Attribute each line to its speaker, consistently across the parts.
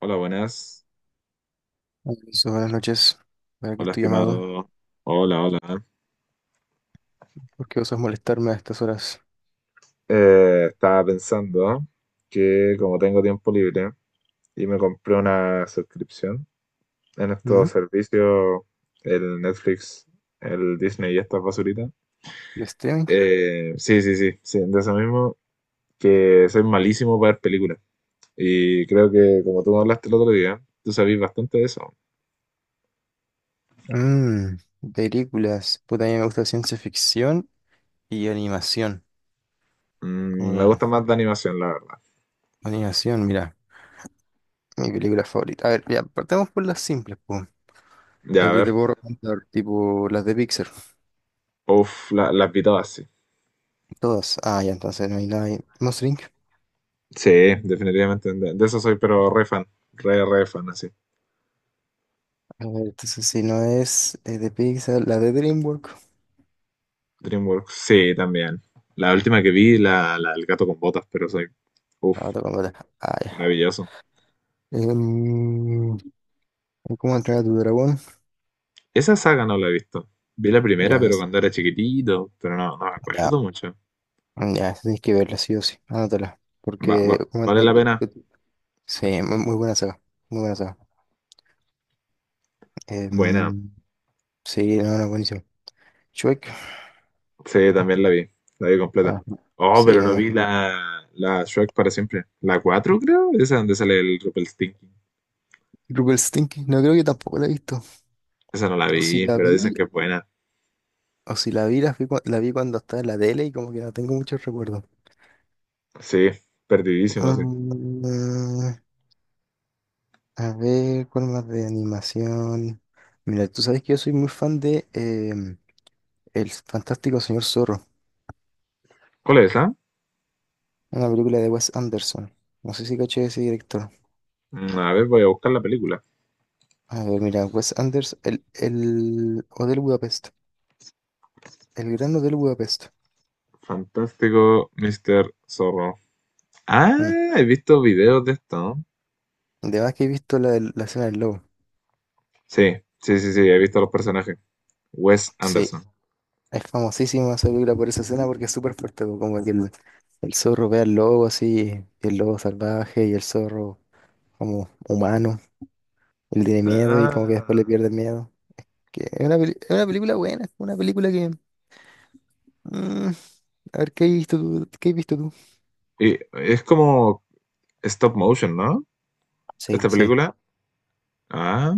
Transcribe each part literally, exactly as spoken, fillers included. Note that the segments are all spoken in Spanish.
Speaker 1: Hola, buenas.
Speaker 2: Alonso, buenas noches. Para que
Speaker 1: Hola,
Speaker 2: estoy llamado.
Speaker 1: estimado. Hola, hola.
Speaker 2: ¿Por qué osas molestarme a estas horas?
Speaker 1: Eh, estaba pensando que como tengo tiempo libre y me compré una suscripción en
Speaker 2: ¿Mm?
Speaker 1: estos servicios, el Netflix, el Disney y estas basuritas.
Speaker 2: ¿El streaming?
Speaker 1: Eh, sí, sí, sí, sí, de eso mismo, que soy malísimo para ver películas. Y creo que como tú me hablaste el otro día, tú sabís bastante de eso.
Speaker 2: Mm, Películas. Puta, a mí me gusta ciencia ficción y animación. ¿Cómo
Speaker 1: Mm, me
Speaker 2: tal?
Speaker 1: gusta más de animación, la verdad.
Speaker 2: Animación, mira. Mi película favorita. A ver, ya, partamos por las simples, pues.
Speaker 1: Ya,
Speaker 2: El
Speaker 1: a
Speaker 2: que te
Speaker 1: ver.
Speaker 2: puedo recomendar, tipo las de Pixar.
Speaker 1: Uf, la- las vi todas, sí.
Speaker 2: Todas. Ah, ya, entonces no hay nada ahí. Monster Incorporated.
Speaker 1: Sí, definitivamente. De, de eso soy, pero re fan. Re, re fan, así.
Speaker 2: A ver, entonces si no es eh, de Pixar, la de DreamWorks.
Speaker 1: DreamWorks. Sí, también. La última que vi, la, la El gato con botas, pero soy. Uf,
Speaker 2: La otra completa. Ah, ya.
Speaker 1: maravilloso.
Speaker 2: Em, ¿Cómo entrar a tu dragón?
Speaker 1: Esa saga no la he visto. Vi la primera,
Speaker 2: Ya,
Speaker 1: pero cuando era chiquitito, pero no, no me
Speaker 2: ya,
Speaker 1: acuerdo mucho.
Speaker 2: ya, esa tienes que verla sí o sí, anótala,
Speaker 1: Va- va-
Speaker 2: porque ¿cómo
Speaker 1: ¿vale
Speaker 2: entra-
Speaker 1: la pena?
Speaker 2: sí, muy, muy buena saga, muy buena saga.
Speaker 1: Buena.
Speaker 2: Em, sí, no, no, buenísimo. Shrek,
Speaker 1: Sí, también la vi. La vi completa.
Speaker 2: ah,
Speaker 1: Oh,
Speaker 2: sí,
Speaker 1: pero
Speaker 2: me
Speaker 1: no vi
Speaker 2: imagino.
Speaker 1: la, la Shrek para siempre. La cuatro, creo. Esa donde sale el Rumpelstiltskin.
Speaker 2: Rupert Stinky, no creo que tampoco la he visto,
Speaker 1: Esa no la
Speaker 2: o si
Speaker 1: vi,
Speaker 2: la
Speaker 1: pero dicen
Speaker 2: vi,
Speaker 1: que es buena.
Speaker 2: o si la vi, la, fui cua- la vi cuando estaba en la tele y como que no tengo muchos recuerdos.
Speaker 1: Sí, perdidísimo, sí.
Speaker 2: Mm, a ver, ¿cuál más de animación? Mira, tú sabes que yo soy muy fan de em, El Fantástico Señor Zorro.
Speaker 1: ¿Cuál es?
Speaker 2: Una película de Wes Anderson. No sé si caché ese director.
Speaker 1: Mm, a ver, voy a buscar la película.
Speaker 2: A ver, mira, Wes Anderson, el, el Hotel Budapest. El Gran Hotel Budapest.
Speaker 1: Fantástico, mister Zorro. Ah,
Speaker 2: Mm.
Speaker 1: he visto videos de esto, ¿no?
Speaker 2: De más que he visto la, del- la escena del lobo.
Speaker 1: Sí, sí, sí, sí, he visto los personajes. Wes
Speaker 2: Sí,
Speaker 1: Anderson.
Speaker 2: es famosísima esa película por esa escena porque es súper fuerte, po, como que el, el zorro ve al lobo así, y el lobo salvaje y el zorro como humano. Él tiene miedo y como que después le
Speaker 1: Ah,
Speaker 2: pierde el miedo. Que es una, peli- es una película buena, es una película que... mm, a ver, ¿qué has visto tú? ¿Qué has visto tú?
Speaker 1: y es como stop motion, ¿no?
Speaker 2: Sí,
Speaker 1: Esta
Speaker 2: sí.
Speaker 1: película. Ah.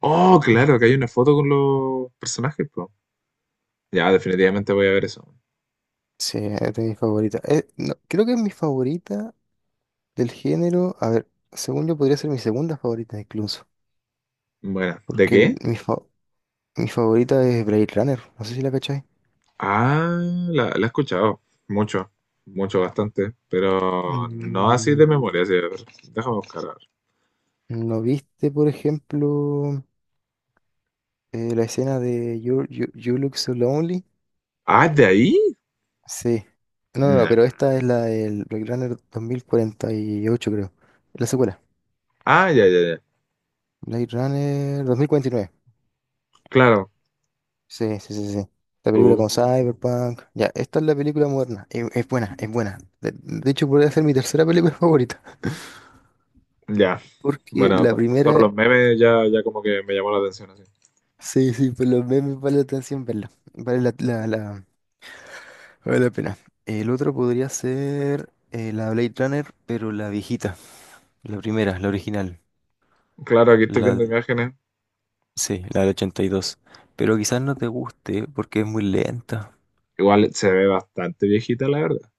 Speaker 1: Oh, claro, que hay una
Speaker 2: Mm.
Speaker 1: foto con los personajes, po. Ya, definitivamente voy a ver eso.
Speaker 2: Sí, es de mis favoritas. Eh, no, creo que es mi favorita del género. A ver, según yo podría ser mi segunda favorita incluso.
Speaker 1: Bueno, ¿de
Speaker 2: Porque el-
Speaker 1: qué?
Speaker 2: mi, fa- mi favorita es Blade Runner. No sé si la cachai.
Speaker 1: Ah, la, la he escuchado mucho, mucho, bastante, pero no así de
Speaker 2: Mm,
Speaker 1: memoria. Sí, a ver, déjame buscar. A ver.
Speaker 2: ¿No viste, por ejemplo, eh, la escena de you, You- You Look So Lonely?
Speaker 1: Ah, ¿de ahí?
Speaker 2: Sí. No, no, no, pero
Speaker 1: Nah.
Speaker 2: esta es la del Blade Runner dos mil cuarenta y ocho, creo. La secuela.
Speaker 1: Ah, ya, ya, ya.
Speaker 2: Blade Runner dos mil cuarenta y nueve.
Speaker 1: Claro.
Speaker 2: Sí, sí, sí, sí. La película
Speaker 1: Uh,
Speaker 2: como Cyberpunk. Ya, esta es la película moderna. Es, es buena, es buena. De, de hecho, podría ser mi tercera película favorita.
Speaker 1: ya.
Speaker 2: Porque
Speaker 1: Bueno,
Speaker 2: la
Speaker 1: po- por solo
Speaker 2: primera,
Speaker 1: los memes ya, ya como que me llamó la atención así.
Speaker 2: sí, sí, por los memes vale la atención verla. Vale la, la, la- vale la pena. El otro podría ser eh, la Blade Runner, pero la viejita. La primera, la original.
Speaker 1: Claro, aquí estoy
Speaker 2: La,
Speaker 1: viendo imágenes.
Speaker 2: sí, la del ochenta y dos, pero quizás no te guste porque es muy lenta.
Speaker 1: Igual se ve bastante viejita, la verdad.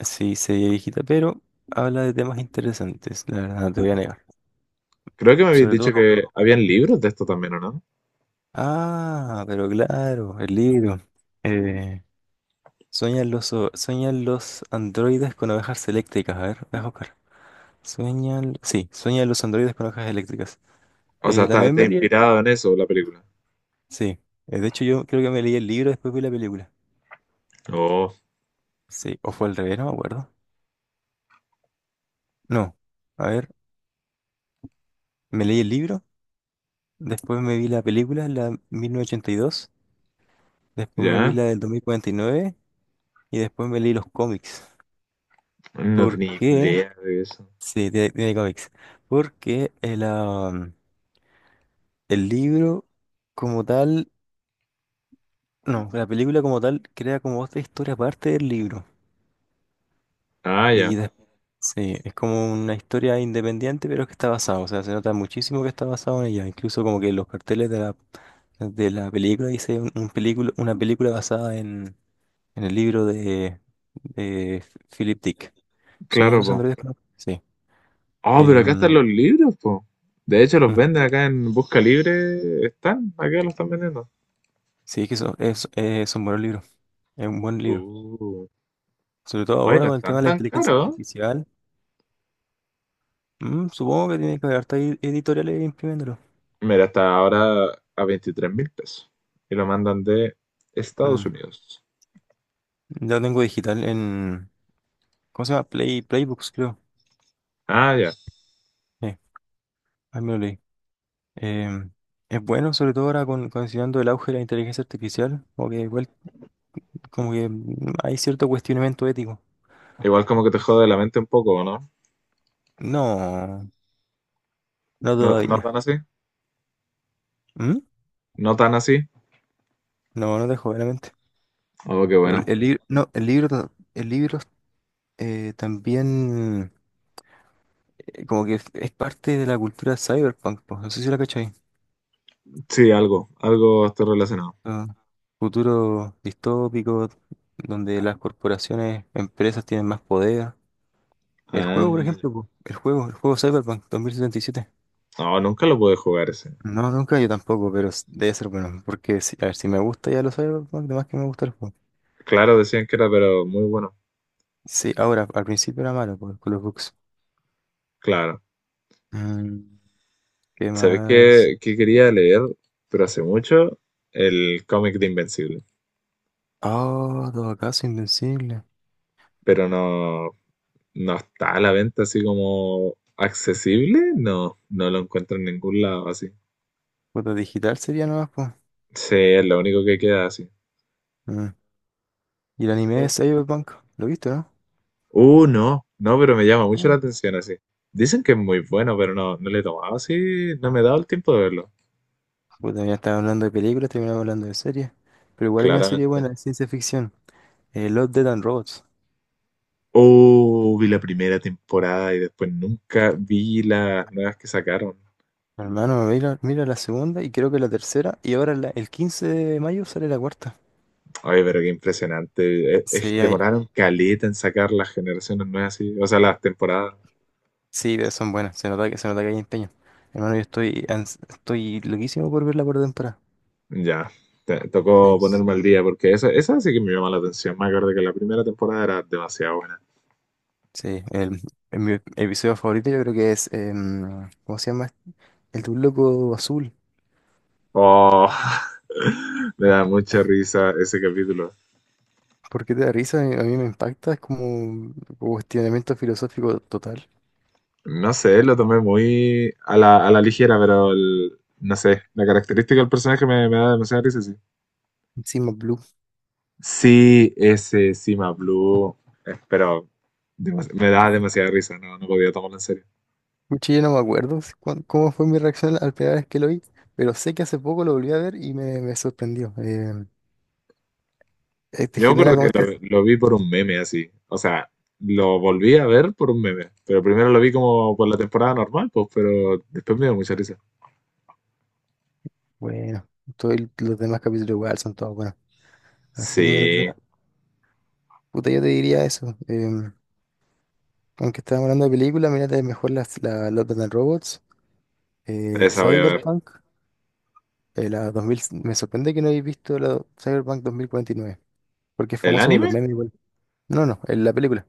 Speaker 2: Sí, se ve viejita, pero habla de temas interesantes, la verdad, no te voy a negar.
Speaker 1: Creo que me habías
Speaker 2: Sobre
Speaker 1: dicho
Speaker 2: todo,
Speaker 1: que habían libros de esto también, ¿o no?
Speaker 2: ah, pero claro, el libro. Eh, Sueñan los, o- sueñan los androides con ovejas eléctricas. A ver, déjame buscar. Sueñan, sí, sueñan los androides con ovejas eléctricas.
Speaker 1: O sea,
Speaker 2: Eh,
Speaker 1: está,
Speaker 2: también
Speaker 1: está
Speaker 2: me leí el...
Speaker 1: inspirado en eso la película.
Speaker 2: Sí, eh, de hecho yo creo que me leí el libro después vi la película.
Speaker 1: Oh,
Speaker 2: Sí, o fue al revés, no me acuerdo. No, a ver, me leí el libro, después me vi la película, la mil novecientos ochenta y dos, después me vi
Speaker 1: ya.
Speaker 2: la del dos mil cuarenta y nueve y después me leí los cómics.
Speaker 1: No
Speaker 2: ¿Por
Speaker 1: tenía
Speaker 2: qué?
Speaker 1: idea de eso.
Speaker 2: Sí, tiene, tiene cómics. Porque el, am, el libro como tal, no, la película como tal crea como otra historia aparte del libro.
Speaker 1: Ah,
Speaker 2: Y
Speaker 1: ya.
Speaker 2: des- sí, es como una historia independiente, pero que está basada. O sea, se nota muchísimo que está basado en ella. Incluso como que los carteles de la, de la película dice un, un película, una película basada en, en el libro de, de Philip Dick. Sueño de
Speaker 1: Claro,
Speaker 2: los
Speaker 1: po.
Speaker 2: androides, creo. Sí.
Speaker 1: Oh, pero acá están
Speaker 2: Em,
Speaker 1: los libros, po. De hecho, los venden acá en Busca Libre. Están, acá los están vendiendo.
Speaker 2: Sí, que eso, es, es un buen libro, es un buen libro.
Speaker 1: Uh,
Speaker 2: Sobre todo
Speaker 1: Hoy
Speaker 2: ahora
Speaker 1: no
Speaker 2: con el tema
Speaker 1: están
Speaker 2: de la
Speaker 1: tan
Speaker 2: inteligencia
Speaker 1: caros.
Speaker 2: artificial. Mm, supongo que tiene que haber hartas ed- editoriales imprimiéndolo.
Speaker 1: Mira, hasta ahora a veintitrés mil pesos. Y lo mandan de Estados
Speaker 2: Mm,
Speaker 1: Unidos.
Speaker 2: Ya lo tengo digital en. ¿Cómo se llama? Play, Playbooks, creo.
Speaker 1: Ah, ya.
Speaker 2: Eh, Ahí me lo leí. Em, es bueno, sobre todo ahora con, considerando el auge de la inteligencia artificial. Como que, igual- como que mm, hay cierto cuestionamiento ético.
Speaker 1: Igual como que te jode la mente un poco, ¿no?
Speaker 2: No, no
Speaker 1: ¿No, no tan
Speaker 2: todavía.
Speaker 1: así?
Speaker 2: ¿Mm?
Speaker 1: ¿No tan así?
Speaker 2: No, no te jodas la mente.
Speaker 1: Oh, qué
Speaker 2: Pero el,
Speaker 1: bueno.
Speaker 2: el libro, no, el libro, ta- el libro eh, también. Eh, como que es es parte de la cultura cyberpunk, pues, no sé si la cachai.
Speaker 1: Sí, algo. Algo estoy relacionado.
Speaker 2: Ah, futuro distópico, donde las corporaciones, empresas tienen más poder. El
Speaker 1: Ah,
Speaker 2: juego, por
Speaker 1: ya.
Speaker 2: ejemplo, po, el juego, el juego Cyberpunk dos mil setenta y siete.
Speaker 1: No, nunca lo pude jugar ese.
Speaker 2: No, nunca yo tampoco, pero s- debe ser bueno, porque si, a ver, si me gusta ya los Cyberpunk, además que me gusta el juego.
Speaker 1: Claro, decían que era, pero muy bueno.
Speaker 2: Sí, ahora, al principio era malo por, con los bugs.
Speaker 1: Claro.
Speaker 2: Mm, ¿Qué
Speaker 1: ¿Sabes
Speaker 2: más?
Speaker 1: qué, qué quería leer? Pero hace mucho, el cómic de Invencible.
Speaker 2: Oh, todo acaso invencible.
Speaker 1: Pero no, no está a la venta así como accesible. No, no lo encuentro en ningún lado así.
Speaker 2: Foto digital sería nomás, pues.
Speaker 1: Sí, es lo único que queda así.
Speaker 2: Mm. Y el anime de
Speaker 1: Mm.
Speaker 2: Cyberpunk, ¿lo viste, no?
Speaker 1: Uh, no, no, pero me llama mucho la
Speaker 2: Ah,
Speaker 1: atención así. Dicen que es muy bueno, pero no, no le he tomado así, no me he dado el tiempo de verlo,
Speaker 2: puta, ya estaba hablando de películas, terminamos hablando de series. Pero igual hay una serie
Speaker 1: claramente.
Speaker 2: buena de ciencia ficción, eh, Love, Death and Robots.
Speaker 1: Oh, vi la primera temporada y después nunca vi las nuevas que sacaron.
Speaker 2: Hermano, mira, mira la segunda y creo que la tercera. Y ahora la- el quince de mayo sale la cuarta.
Speaker 1: Oye, pero qué impresionante. Es- es-
Speaker 2: Sí, hay,
Speaker 1: demoraron caleta en sacar las generaciones nuevas, así. O sea, las temporadas.
Speaker 2: sí, pero son buenas. Se nota que, se nota que hay empeño. Hermano, yo estoy, ans- estoy loquísimo por ver la cuarta temporada.
Speaker 1: Ya, te- tocó
Speaker 2: Sí, sí,
Speaker 1: ponerme
Speaker 2: sí.
Speaker 1: al día porque esa, esa sí que me llama la atención. Me acuerdo que la primera temporada era demasiado buena.
Speaker 2: Sí, el- el- mi episodio favorito yo creo que es, em, ¿cómo se llama? El de un loco azul.
Speaker 1: Oh, me da mucha risa ese capítulo.
Speaker 2: Porque te da risa, a mí a mí me impacta, es como un cuestionamiento filosófico total.
Speaker 1: No sé, lo tomé muy a la, a la ligera, pero el- no sé, la característica del personaje me, me da demasiada risa, sí.
Speaker 2: Encima Blue.
Speaker 1: Sí, ese Sima Blue, eh, pero demas- me da demasiada risa, no, no podía tomarlo en serio.
Speaker 2: Mucho yo no me acuerdo si- cuán- cómo fue mi reacción al primera vez que lo vi, pero sé que hace poco lo volví a ver y me, me sorprendió. Eh, eh, te
Speaker 1: Yo me
Speaker 2: genera
Speaker 1: acuerdo
Speaker 2: como
Speaker 1: que
Speaker 2: estas...
Speaker 1: lo, lo vi por un meme así. O sea, lo volví a ver por un meme. Pero primero lo vi como por la temporada normal, pues, pero después me dio mucha risa.
Speaker 2: Bueno, todos el- los demás capítulos igual son todos buenos. La segunda
Speaker 1: Sí,
Speaker 2: temporada- puta, yo te diría eso. Em, aunque estábamos hablando de películas, mírate mejor las, la Love, Death and Robots, eh,
Speaker 1: esa voy a, sí, ver.
Speaker 2: Cyberpunk, eh, la dos mil... Me sorprende que no hayáis visto la Cyberpunk dos mil cuarenta y nueve, porque es
Speaker 1: ¿El
Speaker 2: famoso por
Speaker 1: anime?
Speaker 2: los memes igual. No, no, en la película.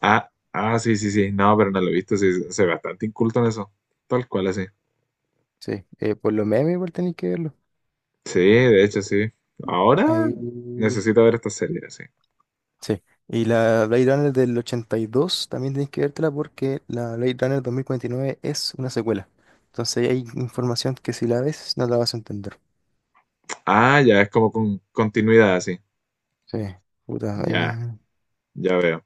Speaker 1: Ah, ah, sí, sí, sí. No, pero no lo he visto. Sí, soy bastante inculto en eso. Tal cual, así.
Speaker 2: Sí, eh, por los memes igual tenéis que verlo.
Speaker 1: Sí, de hecho, sí. Ahora
Speaker 2: Ahí...
Speaker 1: necesito ver esta serie, así.
Speaker 2: Sí. Y la Blade Runner del ochenta y dos también tenéis que vértela porque la Blade Runner dos mil cuarenta y nueve es una secuela. Entonces hay información que si la ves no la vas a entender.
Speaker 1: Ah, ya, es como con continuidad, así.
Speaker 2: Sí, puta, ahí,
Speaker 1: Ya,
Speaker 2: eh,
Speaker 1: ya veo.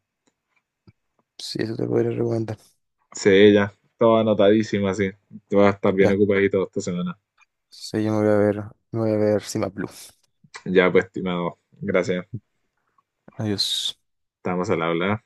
Speaker 2: sí, eso te podría recomendar.
Speaker 1: Sí, ya. Todo anotadísimo, así. Tú vas a estar bien
Speaker 2: Ya,
Speaker 1: ocupadito esta semana.
Speaker 2: sí, yo me voy a ver, me voy a ver Cima Blue.
Speaker 1: Ya, pues, estimado, gracias.
Speaker 2: Adiós.
Speaker 1: Estamos al habla.